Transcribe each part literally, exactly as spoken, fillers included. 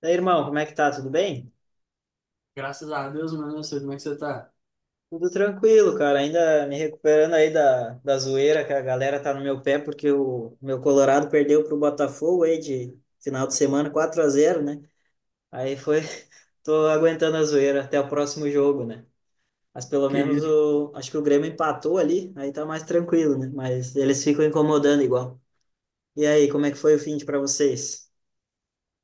Daí, irmão, como é que tá? Tudo bem? Graças a Deus, mano. Eu sei como é que você tá. Tudo tranquilo, cara. Ainda me recuperando aí da, da zoeira que a galera tá no meu pé porque o meu Colorado perdeu pro Botafogo aí de final de semana quatro a zero, né? Aí foi, tô aguentando a zoeira até o próximo jogo, né? Mas pelo Que menos isso? o, acho que o Grêmio empatou ali, aí tá mais tranquilo, né? Mas eles ficam incomodando igual. E aí, como é que foi o fim de pra vocês?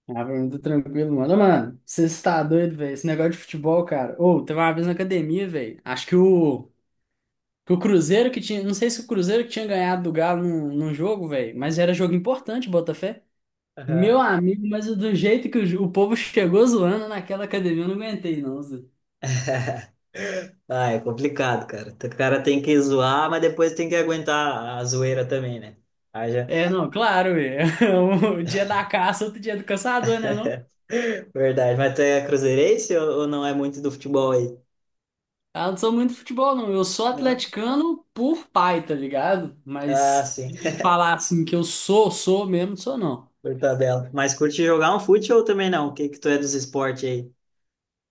Ah, pra mim tá tranquilo, mano. Ô, mano, você está doido, velho. Esse negócio de futebol, cara. Ô, teve uma vez na academia, velho. Acho que o, que o Cruzeiro que tinha. Não sei se o Cruzeiro que tinha ganhado do Galo num, num jogo, velho. Mas era jogo importante, Botafé. Meu Aham. amigo, mas do jeito que o, ju- o povo chegou zoando naquela academia, eu não aguentei, não, Zé. Ah, é complicado, cara. O cara tem que zoar, mas depois tem que aguentar a zoeira também, né? É, não, claro, velho. Um dia da caça, outro dia do caçador, né, não? Verdade, mas tu é cruzeirense ou, ou não é muito do futebol aí? Ah, não sou muito de futebol, não. Eu sou Não? atleticano por pai, tá ligado? Ah, Mas sim, de falar assim que eu sou, sou mesmo, sou não. por tabela. Mas curte jogar um fute ou também não? O que que tu é dos esportes aí?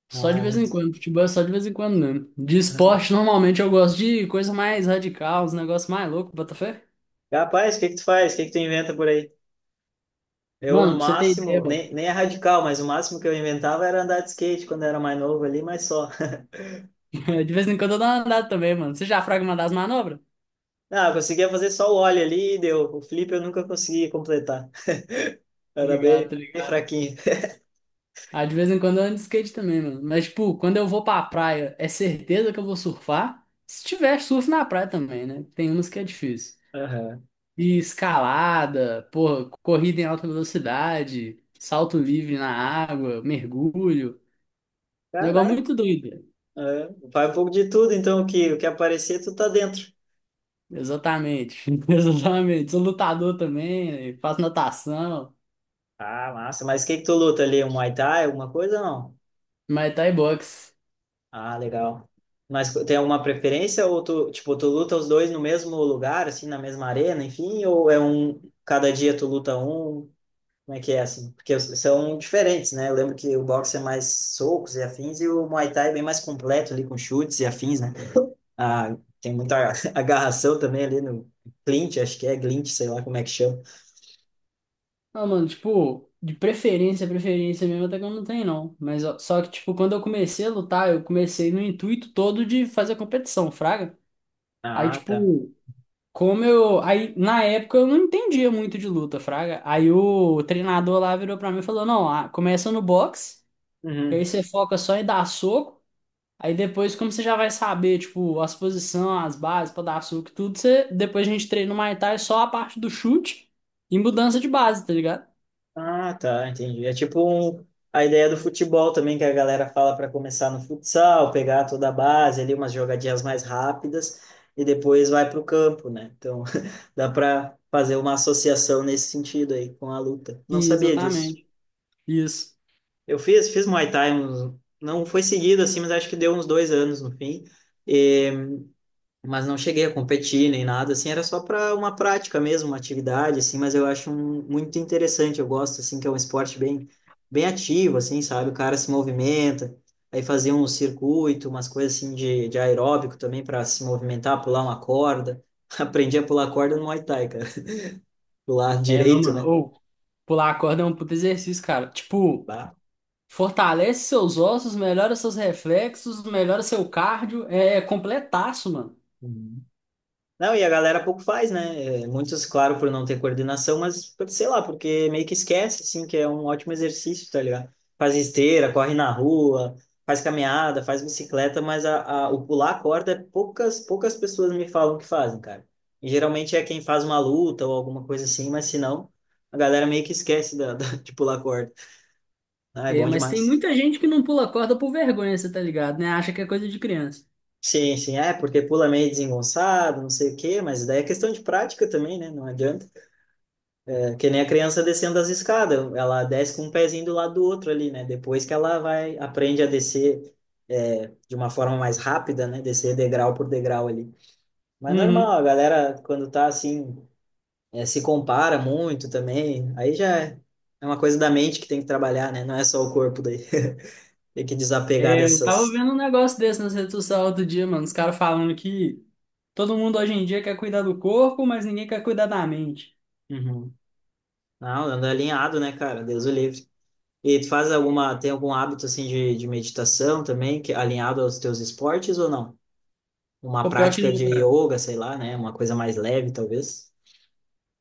Só Não de é vez em muito. quando. Futebol é só de vez em quando mesmo. De Ah. esporte, normalmente eu gosto de coisa mais radical, uns negócios mais loucos, Botafé. Rapaz, o que que tu faz? O que que tu inventa por aí? Eu, Mano, no pra você ter ideia, máximo, mano. nem, nem é radical, mas o máximo que eu inventava era andar de skate quando eu era mais novo ali, mas só. De vez em quando eu dou uma andada também, mano. Você já fraga uma das manobras? Ah, eu conseguia fazer só o ollie ali e deu. O flip eu nunca conseguia completar. Tá Era ligado, bem, tá bem ligado. fraquinho. Ah, de vez em quando eu ando de skate também, mano. Mas, tipo, quando eu vou pra praia, é certeza que eu vou surfar? Se tiver surf na praia também, né? Tem umas que é difícil. Aham. E escalada, porra, corrida em alta velocidade, salto livre na água, mergulho. Um negócio Caraca. muito doido. É, vai um pouco de tudo, então o que, o que aparecer, tu tá dentro. Exatamente. Exatamente. Sou lutador também, né? Faço natação, Ah, massa. Mas o que que tu luta ali? Um Muay Thai, alguma coisa ou não? Muay Thai, boxe. Ah, legal. Mas tem alguma preferência ou tu, tipo, tu luta os dois no mesmo lugar, assim, na mesma arena, enfim, ou é um, cada dia tu luta um? Como é que é assim? Porque os- são diferentes, né? Eu lembro que o boxe é mais socos e afins e o Muay Thai é bem mais completo ali com chutes e afins, né? Ah, tem muita agarração também ali no clinch, acho que é glint, sei lá como é que chama. Ah, mano, tipo, de preferência, preferência mesmo, até que eu não tenho, não. Mas ó, só que, tipo, quando eu comecei a lutar, eu comecei no intuito todo de fazer competição, fraga. Aí, Ah, tá. tipo, como eu. Aí, na época, eu não entendia muito de luta, fraga. Aí o treinador lá virou pra mim e falou: não, ah, começa no boxe, que aí Uhum. você foca só em dar soco. Aí depois, como você já vai saber, tipo, as posições, as bases pra dar soco e tudo, você depois a gente treina no Muay Thai só a parte do chute e mudança de base, tá ligado? Ah, tá, entendi. É tipo um- a ideia do futebol também que a galera fala para começar no futsal, pegar toda a base ali, umas jogadinhas mais rápidas e depois vai para o campo, né? Então dá para fazer uma associação nesse sentido aí com a luta. Não Sim, sabia disso. exatamente. Isso. Eu fiz, fiz Muay Thai, uns- não foi seguido assim, mas acho que deu uns dois anos no fim. Mas não cheguei a competir nem nada, assim, era só para uma prática mesmo, uma atividade, assim, mas eu acho um- muito interessante, eu gosto, assim, que é um esporte bem, bem ativo, assim, sabe? O cara se movimenta, aí fazia um circuito, umas coisas assim de, de aeróbico também para se movimentar, pular uma corda. Aprendi a pular corda no Muay Thai, cara. Pular É, não, direito, mano. né? Ou pular a corda é um puto exercício, cara. Tipo. Bah. Fortalece seus ossos, melhora seus reflexos, melhora seu cardio. É é completaço, mano. Não, e a galera pouco faz, né? É, muitos, claro, por não ter coordenação, mas por- sei lá, porque meio que esquece, assim, que é um ótimo exercício, tá ligado? Faz esteira, corre na rua, faz caminhada, faz bicicleta, mas a, a- o pular a corda, poucas, poucas pessoas me falam que fazem, cara. E geralmente é quem faz uma luta ou alguma coisa assim, mas se não, a galera meio que esquece da, da- de pular a corda. Ah, é É, bom mas tem demais. muita gente que não pula corda por vergonha, você tá ligado, né? Acha que é coisa de criança. Sim, sim, é, porque pula meio desengonçado, não sei o quê, mas daí é questão de prática também, né? Não adianta. Que nem a criança descendo as escadas, ela desce com um pezinho do lado do outro ali, né? Depois que ela vai, aprende a descer é, de uma forma mais rápida, né? Descer degrau por degrau ali. Mas normal, Uhum. a galera, quando tá assim, é, se compara muito também, aí já é é uma coisa da mente que tem que trabalhar, né? Não é só o corpo daí. Tem que desapegar É, eu tava dessas. vendo um negócio desse nas redes sociais outro dia, mano. Os caras falando que todo mundo hoje em dia quer cuidar do corpo, mas ninguém quer cuidar da mente. Uhum. Não, anda alinhado, né, cara? Deus o livre. E tu faz alguma, tem algum hábito assim de, de meditação também, que é alinhado aos teus esportes ou não? Uma Pô, pior que prática não, de cara. yoga, sei lá, né? Uma coisa mais leve, talvez.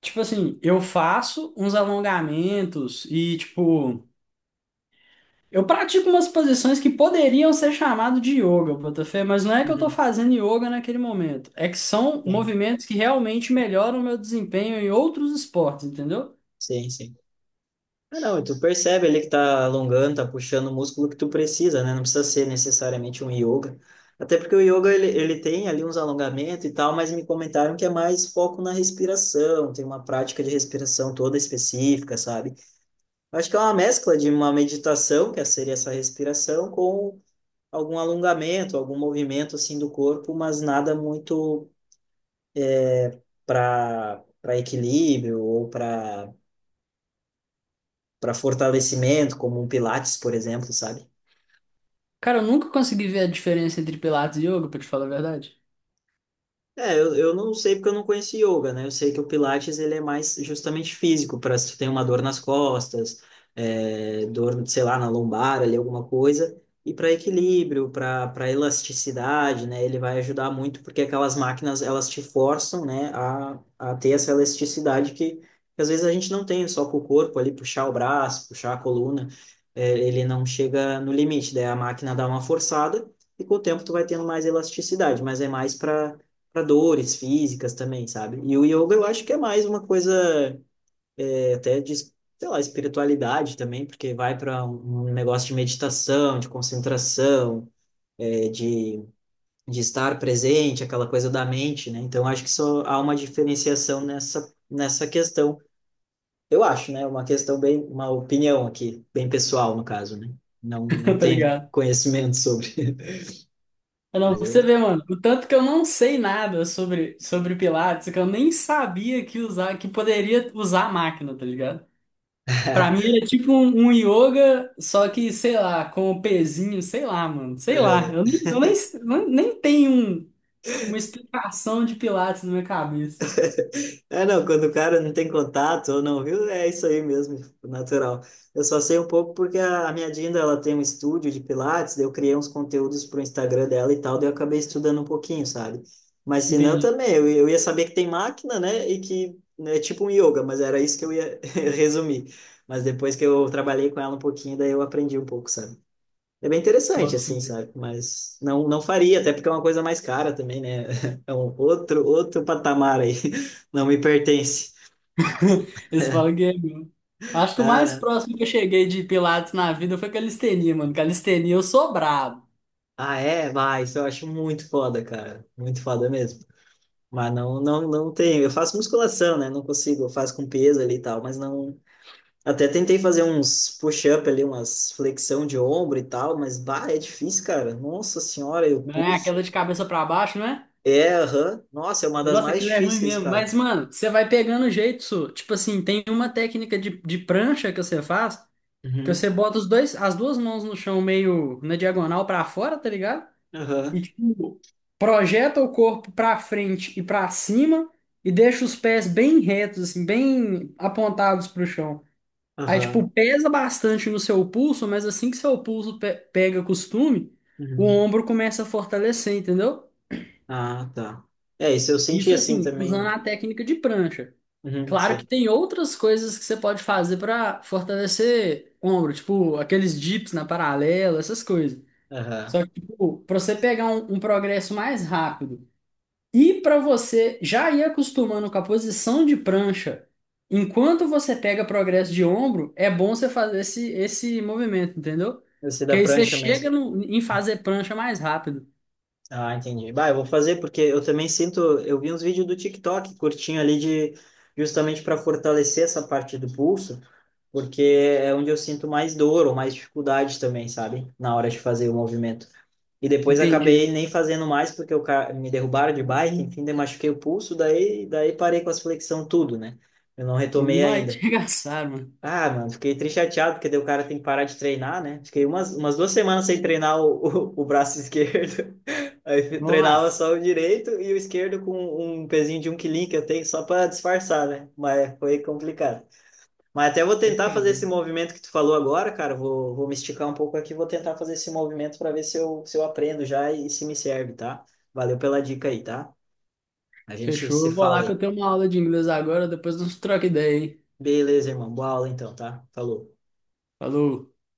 Tipo assim, eu faço uns alongamentos e, tipo. Eu pratico umas posições que poderiam ser chamadas de yoga, Botafé, mas não é que eu estou Uhum, fazendo yoga naquele momento. É que são tem. movimentos que realmente melhoram o meu desempenho em outros esportes, entendeu? Sim, sim. Ah, não, e tu percebe ali que tá alongando, tá puxando o músculo que tu precisa, né? Não precisa ser necessariamente um yoga. Até porque o yoga, ele, ele tem ali uns alongamentos e tal, mas me comentaram que é mais foco na respiração, tem uma prática de respiração toda específica, sabe? Eu acho que é uma mescla de uma meditação, que seria essa respiração, com algum alongamento, algum movimento, assim, do corpo, mas nada muito para para equilíbrio ou para para fortalecimento, como um Pilates, por exemplo, sabe? Cara, eu nunca consegui ver a diferença entre Pilates e yoga, pra te falar a verdade. É, eu, eu não sei porque eu não conheci yoga, né? Eu sei que o Pilates ele é mais justamente físico, para se tu tem uma dor nas costas, é, dor, sei lá, na lombar, ali alguma coisa, e para equilíbrio, para para elasticidade, né? Ele vai ajudar muito porque aquelas máquinas elas te forçam, né, a, a ter essa elasticidade que, que às vezes a gente não tem só com o corpo ali, puxar o braço, puxar a coluna, é, ele não chega no limite, daí a máquina dá uma forçada e com o tempo tu vai tendo mais elasticidade, mas é mais para para dores físicas também, sabe? E o yoga eu acho que é mais uma coisa é, até de, sei lá, espiritualidade também, porque vai para um um negócio de meditação, de concentração, é, de, de estar presente, aquela coisa da mente, né? Então acho que só há uma diferenciação nessa, nessa questão. Eu acho, né? Uma questão bem, uma opinião aqui, bem pessoal no caso, né? Não, não Tá tenho ligado? conhecimento sobre, Ah, não, mas pra você é. ver, mano, o tanto que eu não sei nada sobre, sobre Pilates, que eu nem sabia que usar, que poderia usar a máquina, tá ligado? Pra mim era tipo um, um yoga, só que, sei lá, com o pezinho, sei lá, mano. Sei lá. Eu Aham. nem, eu nem, nem nem tenho um- uma explicação de Pilates na minha cabeça. É, não, quando o cara não tem contato ou não viu, é isso aí mesmo, tipo, natural. Eu só sei um pouco porque a, a minha Dinda, ela tem um estúdio de Pilates, daí eu criei uns conteúdos pro Instagram dela e tal, daí eu acabei estudando um pouquinho, sabe? Mas se não, Entendi. também, eu, eu ia saber que tem máquina, né, e que né, é tipo um yoga, mas era isso que eu ia resumir. Mas depois que eu trabalhei com ela um pouquinho, daí eu aprendi um pouco, sabe? É bem interessante, Boto assim, fé. sabe? Mas não, não faria, até porque é uma coisa mais cara também, né? É um outro, outro patamar aí. Não me pertence. Eles falam que é mesmo. Acho que o Ah, mais né? próximo que eu cheguei de Pilates na vida foi calistenia, mano. Calistenia eu sou brabo, Ah, é? Vai, isso eu acho muito foda, cara. Muito foda mesmo. Mas não, não, não tenho. Eu faço musculação, né? Não consigo. Eu faço com peso ali e tal, mas não. Até tentei fazer uns push-up ali, umas flexão de ombro e tal, mas, bah, é difícil, cara. Nossa senhora, eu né? pulso. Aquela de cabeça pra baixo, né? É, aham. Nossa, é uma das Nossa, mais aquilo é ruim difíceis, mesmo. Mas, cara. mano, você vai pegando o jeito, Su. Tipo assim, tem uma técnica de, de prancha que você faz. Que Uhum. você bota os dois, as duas mãos no chão meio na diagonal pra fora, tá ligado? E Aham. tipo, projeta o corpo pra frente e pra cima e deixa os pés bem retos, assim, bem apontados pro chão. Aí tipo, Aham. pesa bastante no seu pulso, mas assim que seu pulso pe- pega costume, o Uhum. ombro começa a fortalecer, entendeu? Ah, tá. É, isso eu senti Isso assim assim, usando também. a técnica de prancha. Uhum, Claro que sim. tem outras coisas que você pode fazer para fortalecer ombro, tipo aqueles dips na paralela, essas coisas. Aham. Só que, tipo, para você pegar um, um progresso mais rápido e para você já ir acostumando com a posição de prancha, enquanto você pega progresso de ombro, é bom você fazer esse, esse movimento, entendeu? Esse da Que aí você prancha chega mesmo. no- em fazer prancha mais rápido. Ah, entendi. Bah, eu vou fazer porque eu também sinto. Eu vi uns vídeos do TikTok curtinho ali de justamente para fortalecer essa parte do pulso, porque é onde eu sinto mais dor ou mais dificuldade também, sabe? Na hora de fazer o movimento. E depois Entendi. acabei nem fazendo mais porque eu ca- me derrubaram de bike, enfim, daí machuquei o pulso, daí, daí parei com as flexão tudo, né? Eu não retomei Não, aí te ainda. arregaçaram, mano. Ah, mano, fiquei triste chateado, porque daí o cara tem que parar de treinar, né? Fiquei umas, umas duas semanas sem treinar o, o, o braço esquerdo. Aí treinava Nossa. só o direito e o esquerdo com um pezinho de um quilinho que eu tenho só para disfarçar, né? Mas foi complicado. Mas até vou E, tentar fazer cara, esse movimento que tu falou agora, cara. Vou, vou me esticar um pouco aqui, vou tentar fazer esse movimento para ver se eu, se eu aprendo já e se me serve, tá? Valeu pela dica aí, tá? A gente fechou. se Eu vou fala lá que eu aí. tenho uma aula de inglês agora, depois nós troca ideia, hein? Beleza, irmão. Boa aula então, tá? Falou. Falou.